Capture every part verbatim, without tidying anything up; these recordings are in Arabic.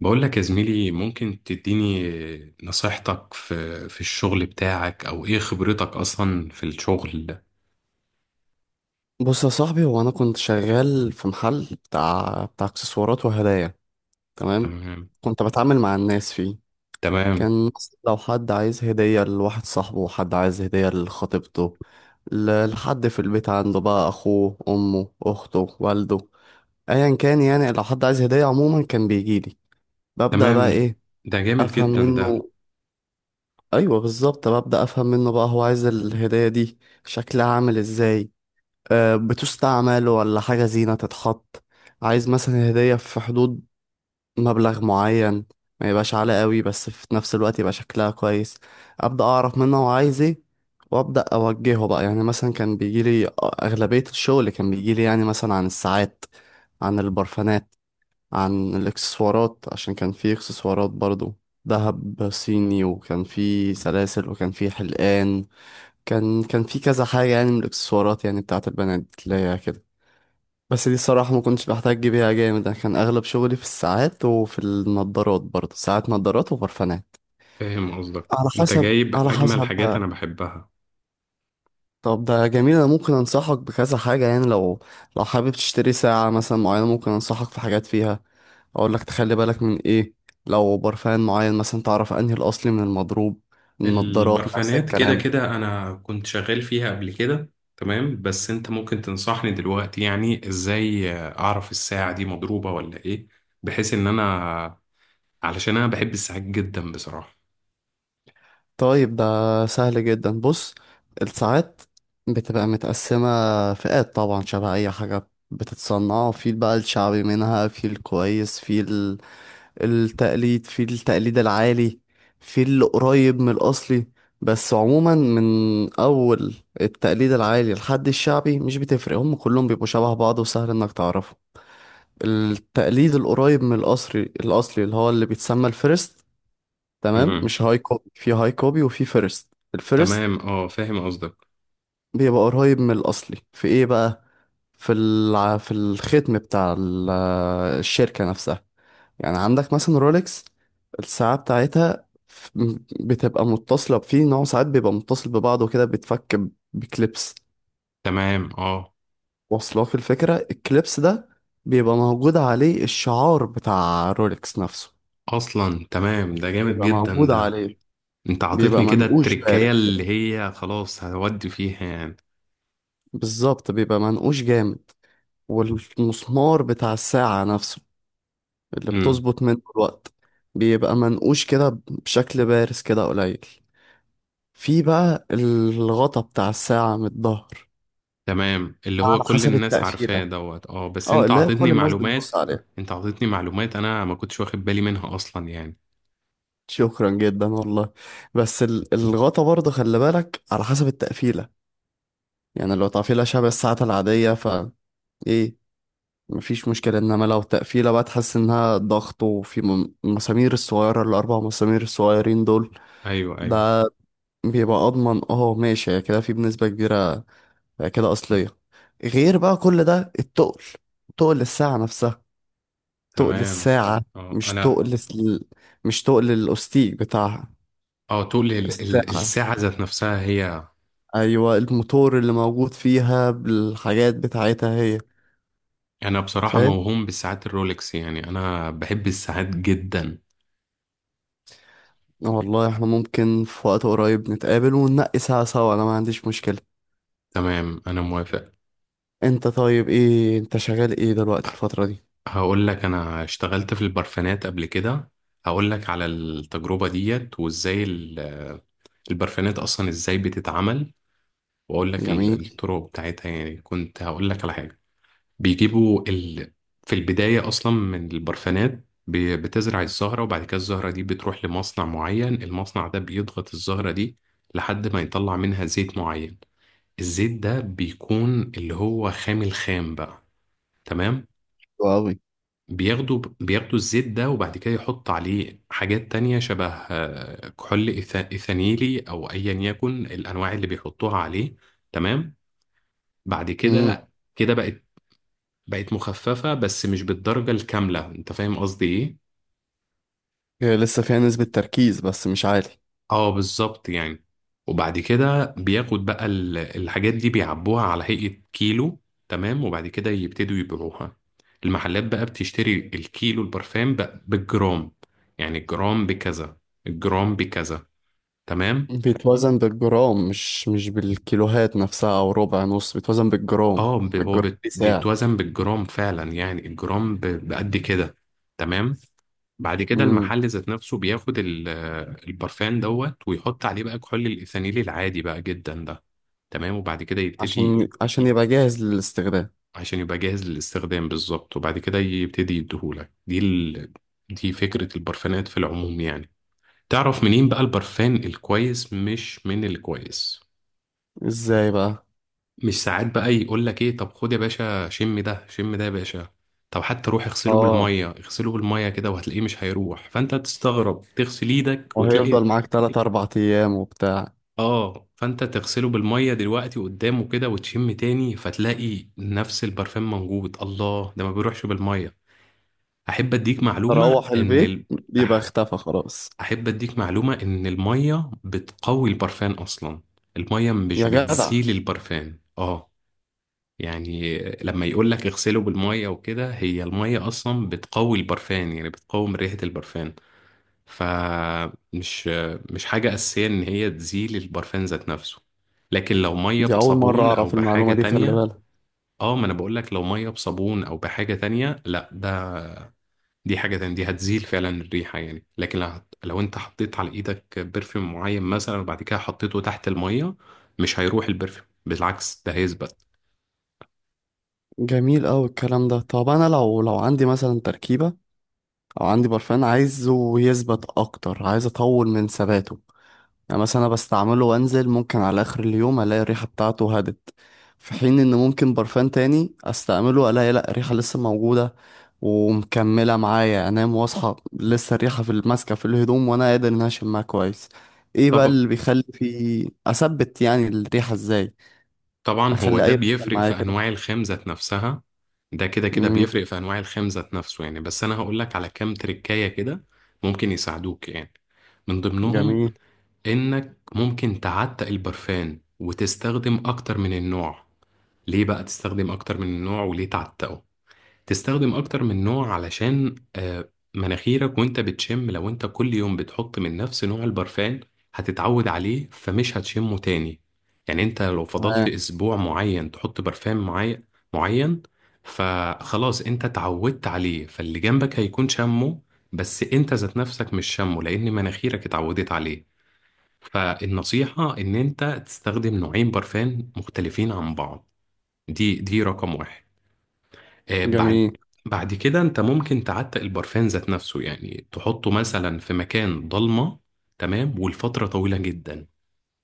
بقول لك يا زميلي، ممكن تديني نصيحتك في في الشغل بتاعك او ايه خبرتك اصلا في الشغل ده؟ بص يا صاحبي، هو انا كنت شغال في محل بتاع بتاع اكسسوارات وهدايا. تمام. تمام، كنت بتعامل مع الناس فيه. تمام، كان مثلا لو حد عايز هدية لواحد صاحبه، وحد عايز هدية لخطيبته، ل- لحد في البيت عنده بقى، اخوه، امه، اخته، والده، ايا كان. يعني لو حد عايز هدية عموما كان بيجيلي. ببدأ تمام. بقى ايه، ده جامد افهم جدا ده. منه. ايوه بالظبط، ببدأ افهم منه بقى هو عايز الهدية دي شكلها عامل ازاي. آه، بتستعمل ولا حاجة زينة تتحط. عايز مثلا هدية في حدود مبلغ معين، ما يبقاش عالي قوي بس في نفس الوقت يبقى شكلها كويس. أبدأ أعرف منه هو عايز ايه، وأبدأ أوجهه بقى. يعني مثلا كان بيجيلي، أغلبية الشغل كان بيجيلي يعني مثلا عن الساعات، عن البرفانات، عن الإكسسوارات، عشان كان في إكسسوارات برضو، دهب صيني، وكان في سلاسل وكان في حلقان. كان كان في كذا حاجة يعني من الإكسسوارات، يعني بتاعت البنات اللي هي كده. بس دي الصراحة ما كنتش بحتاج بيها جامد، أنا كان أغلب شغلي في الساعات وفي النضارات، برضه ساعات، نضارات، وبرفانات، فاهم قصدك. على انت حسب جايب على اجمل حسب حاجات انا بقى. بحبها. طب ده جميل، أنا ممكن أنصحك بكذا حاجة. يعني لو لو حابب تشتري ساعة مثلا معينة، ممكن أنصحك في حاجات فيها، أقول لك تخلي بالك من إيه. لو برفان معين مثلا، تعرف أنهي الأصلي من المضروب. النضارات نفس البرفانات كده الكلام. كده انا كنت شغال فيها قبل كده. تمام، بس انت ممكن تنصحني دلوقتي يعني ازاي اعرف الساعة دي مضروبة ولا ايه؟ بحيث ان انا، علشان انا بحب الساعات جدا بصراحة. طيب ده سهل جدا. بص، الساعات بتبقى متقسمة فئات، طبعا شبه أي حاجة بتتصنع. في بقى الشعبي منها، في الكويس، في ال- التقليد، في التقليد العالي، في القريب من الأصلي. بس عموما من أول التقليد العالي لحد الشعبي مش بتفرق، هم كلهم بيبقوا شبه بعض، وسهل إنك تعرفه. التقليد القريب من الأصلي، الأصلي اللي هو اللي بيتسمى الفيرست. تمام، مش هاي كوبي، في هاي كوبي وفي فيرست. الفيرست تمام، اه، فاهم قصدك. بيبقى قريب من الاصلي في ايه بقى. في الع... في الختم بتاع ال- الشركة نفسها. يعني عندك مثلا رولكس، الساعة بتاعتها ف- بتبقى متصلة. في نوع ساعات بيبقى متصل ببعضه كده، بيتفك ب- بكليبس. تمام، اه، واصلاك الفكرة؟ الكليبس ده بيبقى موجود عليه الشعار بتاع رولكس نفسه. اصلا. تمام، ده جامد بيبقى جدا موجود ده. عليه، انت بيبقى عطيتني كده منقوش التركية بارد كده. اللي هي خلاص هودي فيها يعني. بالظبط، بيبقى منقوش جامد. والمسمار بتاع الساعة نفسه اللي امم. بتظبط منه الوقت بيبقى منقوش كده بشكل بارز كده قليل. في بقى الغطا بتاع الساعة من الظهر، تمام، اللي هو على كل حسب الناس عارفاه التقفيلة. دوت، اه، بس اه، انت اللي هي كل عطيتني الناس بتبص معلومات. عليها. انت عطيتني معلومات انا ما كنتش واخد بالي منها اصلا يعني. شكرا جدا والله. بس ال- الغطا برضه خلي بالك على حسب التقفيلة. يعني لو تقفيلة شبه الساعة العادية ف ايه، مفيش مشكلة. انما لو تقفيلة بقى تحس انها ضغط، وفي م- المسامير الصغيرة، الاربع مسامير الصغيرين دول، ايوه، ايوه. ده بيبقى اضمن. اه ماشي، هي كده في بنسبة كبيرة هي كده اصلية. غير بقى كل ده التقل، تقل الساعة نفسها. تقل تمام، الساعة، اه، مش انا تقل ال- مش تقل الاستيك بتاعها. اه تقول ال- ال- الساعة، الساعة ذات نفسها هي. ايوه، الموتور اللي موجود فيها بالحاجات بتاعتها هي. انا بصراحة فاهم. موهوم بالساعات الرولكس، يعني انا بحب الساعات جدا. والله احنا ممكن في وقت قريب نتقابل وننقي ساعة سوا، انا ما عنديش مشكلة. تمام، انا موافق. انت طيب، ايه انت شغال ايه دلوقتي الفترة دي؟ هقول لك، انا اشتغلت في البرفانات قبل كده. هقول لك على التجربة ديت، وازاي ال- البرفانات اصلا ازاي بتتعمل. واقول لك ال- جميل. الطرق بتاعتها يعني. كنت هقول لك على حاجة. بيجيبوا ال... في البداية اصلا من البرفانات ب- بتزرع الزهرة، وبعد كده الزهرة دي بتروح لمصنع معين. المصنع ده بيضغط الزهرة دي لحد ما يطلع منها زيت معين. الزيت ده بيكون اللي هو خام الخام بقى. تمام. حلو أوي. بياخدوا بياخدوا الزيت ده، وبعد كده يحط عليه حاجات تانية شبه آه، كحول إيثا- إيثانيلي، أو أيا يكن الأنواع اللي بيحطوها عليه. تمام. بعد امم. كده كده بقت بقت مخففة، بس مش بالدرجة الكاملة. أنت فاهم قصدي إيه؟ هي لسه فيها نسبة تركيز بس مش عالي. اه، بالظبط يعني. وبعد كده بياخد بقى ال- الحاجات دي، بيعبوها على هيئة كيلو. تمام، وبعد كده يبتدوا يبيعوها. المحلات بقى بتشتري الكيلو، البرفان بقى بالجرام. يعني الجرام بكذا، الجرام بكذا. تمام. بيتوزن بالجرام، مش مش بالكيلوهات نفسها او ربع نص، بيتوزن بالجرام. اه، ب- هو الجرام بت- دي سعر. بيتوزن بالجرام فعلا. يعني الجرام ب- بقد كده. تمام. بعد كده امم. المحل ذات نفسه بياخد ال- البرفان دوت، ويحط عليه بقى كحول الإيثانيل العادي بقى جدا ده. تمام، وبعد كده يبتدي. عشان عشان يبقى جاهز للاستخدام. عشان يبقى جاهز للاستخدام، بالظبط. وبعد كده يبتدي يديهولك دي ال... دي فكرة البرفانات في العموم يعني. تعرف منين بقى البرفان الكويس مش من الكويس؟ ازاي بقى؟ مش ساعات بقى يقول لك ايه؟ طب خد يا باشا، شم ده شم ده يا باشا. طب حتى روح اغسله اه. بالمية، اغسله بالمية كده، وهتلاقيه مش هيروح. فانت تستغرب، تغسل ايدك وتلاقي. وهيفضل معاك تلات اربع ايام وبتاع. اه، فانت تغسله بالمية دلوقتي قدامه كده وتشم تاني، فتلاقي نفس البرفان موجود. الله، ده ما بيروحش بالمية. احب اديك معلومه تروح ان البيت ال... بيبقى أح- اختفى خلاص. احب اديك معلومه ان الميه بتقوي البرفان اصلا. الميه يا مش جدع. بتزيل البرفان، اه. يعني لما يقول لك اغسله بالميه وكده، هي الميه اصلا بتقوي البرفان، يعني بتقوم ريحه البرفان. فمش مش حاجه اساسيه ان هي تزيل البرفان ذات نفسه. لكن لو ميه دي اول مرة بصابون او اعرف المعلومة بحاجه دي، خلي تانية. بالك. اه، ما انا بقول لك لو ميه بصابون او بحاجه تانية، لا، ده دي حاجة تانية، دي هتزيل فعلا الريحة يعني. لكن لو, هت... لو انت حطيت على ايدك برفيوم معين مثلا وبعد كده حطيته تحت المية، مش هيروح البرفيوم، بالعكس ده هيثبت. جميل أوي الكلام ده. طب أنا لو لو عندي مثلا تركيبة، أو عندي برفان عايزه يثبت أكتر، عايز أطول من ثباته. يعني مثلا انا بستعمله وانزل، ممكن على اخر اليوم الاقي الريحه بتاعته هدت، في حين ان ممكن برفان تاني استعمله الاقي لا، الريحه لسه موجوده ومكمله معايا، انام واصحى لسه الريحه في الماسكه في الهدوم، وانا قادر ان أنا اشمها كويس. ايه بقى طب... اللي بيخلي في اثبت يعني الريحه ازاي؟ طبعا هو اخلي ده اي برفان بيفرق معايا في كده. انواع الخام ذات نفسها. ده كده كده امم. بيفرق في انواع الخام ذات نفسه يعني. بس انا هقول لك على كام تركاية كده، ممكن يساعدوك يعني. من ضمنهم، جميل. انك ممكن تعتق البرفان وتستخدم اكتر من النوع. ليه بقى تستخدم اكتر من النوع وليه تعتقه؟ تستخدم اكتر من نوع علشان آه، مناخيرك وانت بتشم، لو انت كل يوم بتحط من نفس نوع البرفان، هتتعود عليه فمش هتشمه تاني. يعني انت لو فضلت تمام. اسبوع معين تحط برفان معين معين، فخلاص انت اتعودت عليه، فاللي جنبك هيكون شمه. بس انت ذات نفسك مش شمه، لان مناخيرك اتعودت عليه. فالنصيحة ان انت تستخدم نوعين برفان مختلفين عن بعض. دي دي رقم واحد. آه، بعد جميل. بعد كده انت ممكن تعتق البرفان ذات نفسه، يعني تحطه مثلا في مكان ضلمة. تمام، والفترة طويلة جدا.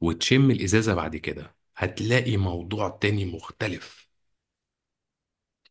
وتشم الإزازة بعد كده، هتلاقي موضوع تاني مختلف.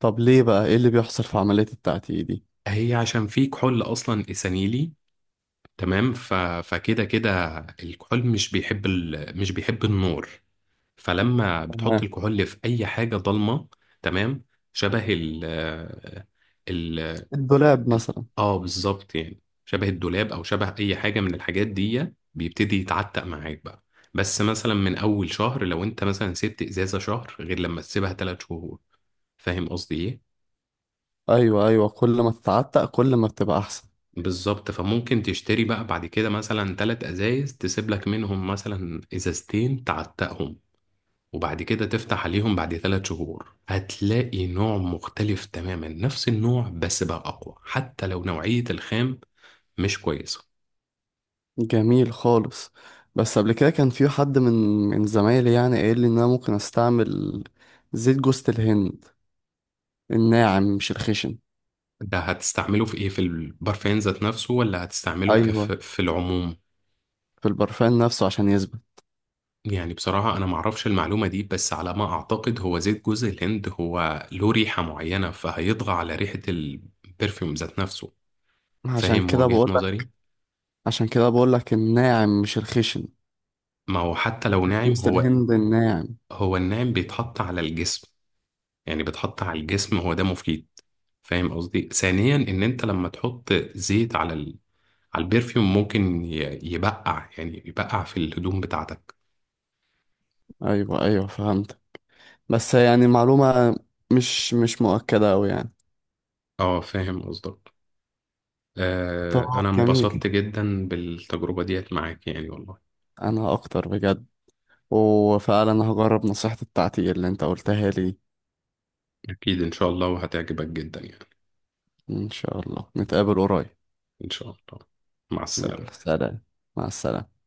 طب ليه بقى، ايه اللي بيحصل في عمليه التعتيق دي؟ هي عشان في كحول أصلا إسانيلي. تمام. ف... فكده كده الكحول مش بيحب ال... مش بيحب النور. فلما بتحط تمام. الكحول في أي حاجة ضلمة. تمام. شبه ال... آه، ال... الدولاب ال- مثلا. اه، بالظبط يعني. شبه الدولاب او شبه اي حاجه من الحاجات دي، بيبتدي يتعتق معاك بقى. بس مثلا من اول شهر، لو انت مثلا سبت ازازه شهر، غير لما تسيبها ثلاث شهور. فاهم قصدي ايه؟ ايوه ايوه، كل ما تتعتق كل ما بتبقى احسن. بالظبط. فممكن تشتري بقى بعد كده مثلا ثلاث ازايز، تسيب لك منهم مثلا ازازتين تعتقهم، وبعد كده تفتح عليهم بعد ثلاث شهور. هتلاقي نوع مختلف تماما، نفس النوع بس بقى اقوى، حتى لو نوعيه الخام مش كويسه. جميل خالص. بس قبل كده كان في حد من من زمايلي يعني قايل لي ان انا ممكن استعمل زيت جوز الهند، الناعم مش الخشن. ده هتستعمله في ايه؟ في البرفان ذات نفسه ولا هتستعمله كف ايوه. في العموم؟ في البرفان نفسه عشان يثبت. يعني بصراحة انا معرفش المعلومة دي، بس على ما اعتقد، هو زيت جوز الهند هو له ريحة معينة، فهيطغى على ريحة البرفيوم ذات نفسه. عشان فاهم كده وجهة بقول نظري؟ لك. عشان كده بقول لك الناعم مش الخشن، ما هو حتى لو ناعم جوز هو. الهند الناعم. هو الناعم بيتحط على الجسم. يعني بيتحط على الجسم، هو ده مفيد. فاهم قصدي؟ ثانيا، ان انت لما تحط زيت على ال... على البرفيوم، ممكن ي- يبقع، يعني يبقع في الهدوم بتاعتك. ايوه ايوه فهمت. بس يعني معلومة مش مش مؤكدة أوي يعني. اه، فاهم قصدك. آه طب. انا جميل. انبسطت جدا بالتجربة ديت معاك يعني والله. انا اكتر بجد. وفعلا هجرب نصيحتي بتاعتي اللي انت قلتها لي. اكيد ان شاء الله، وهتعجبك جدا يعني. ان شاء الله نتقابل قريب. ان شاء الله. مع يلا السلامة. سلام. مع السلامة.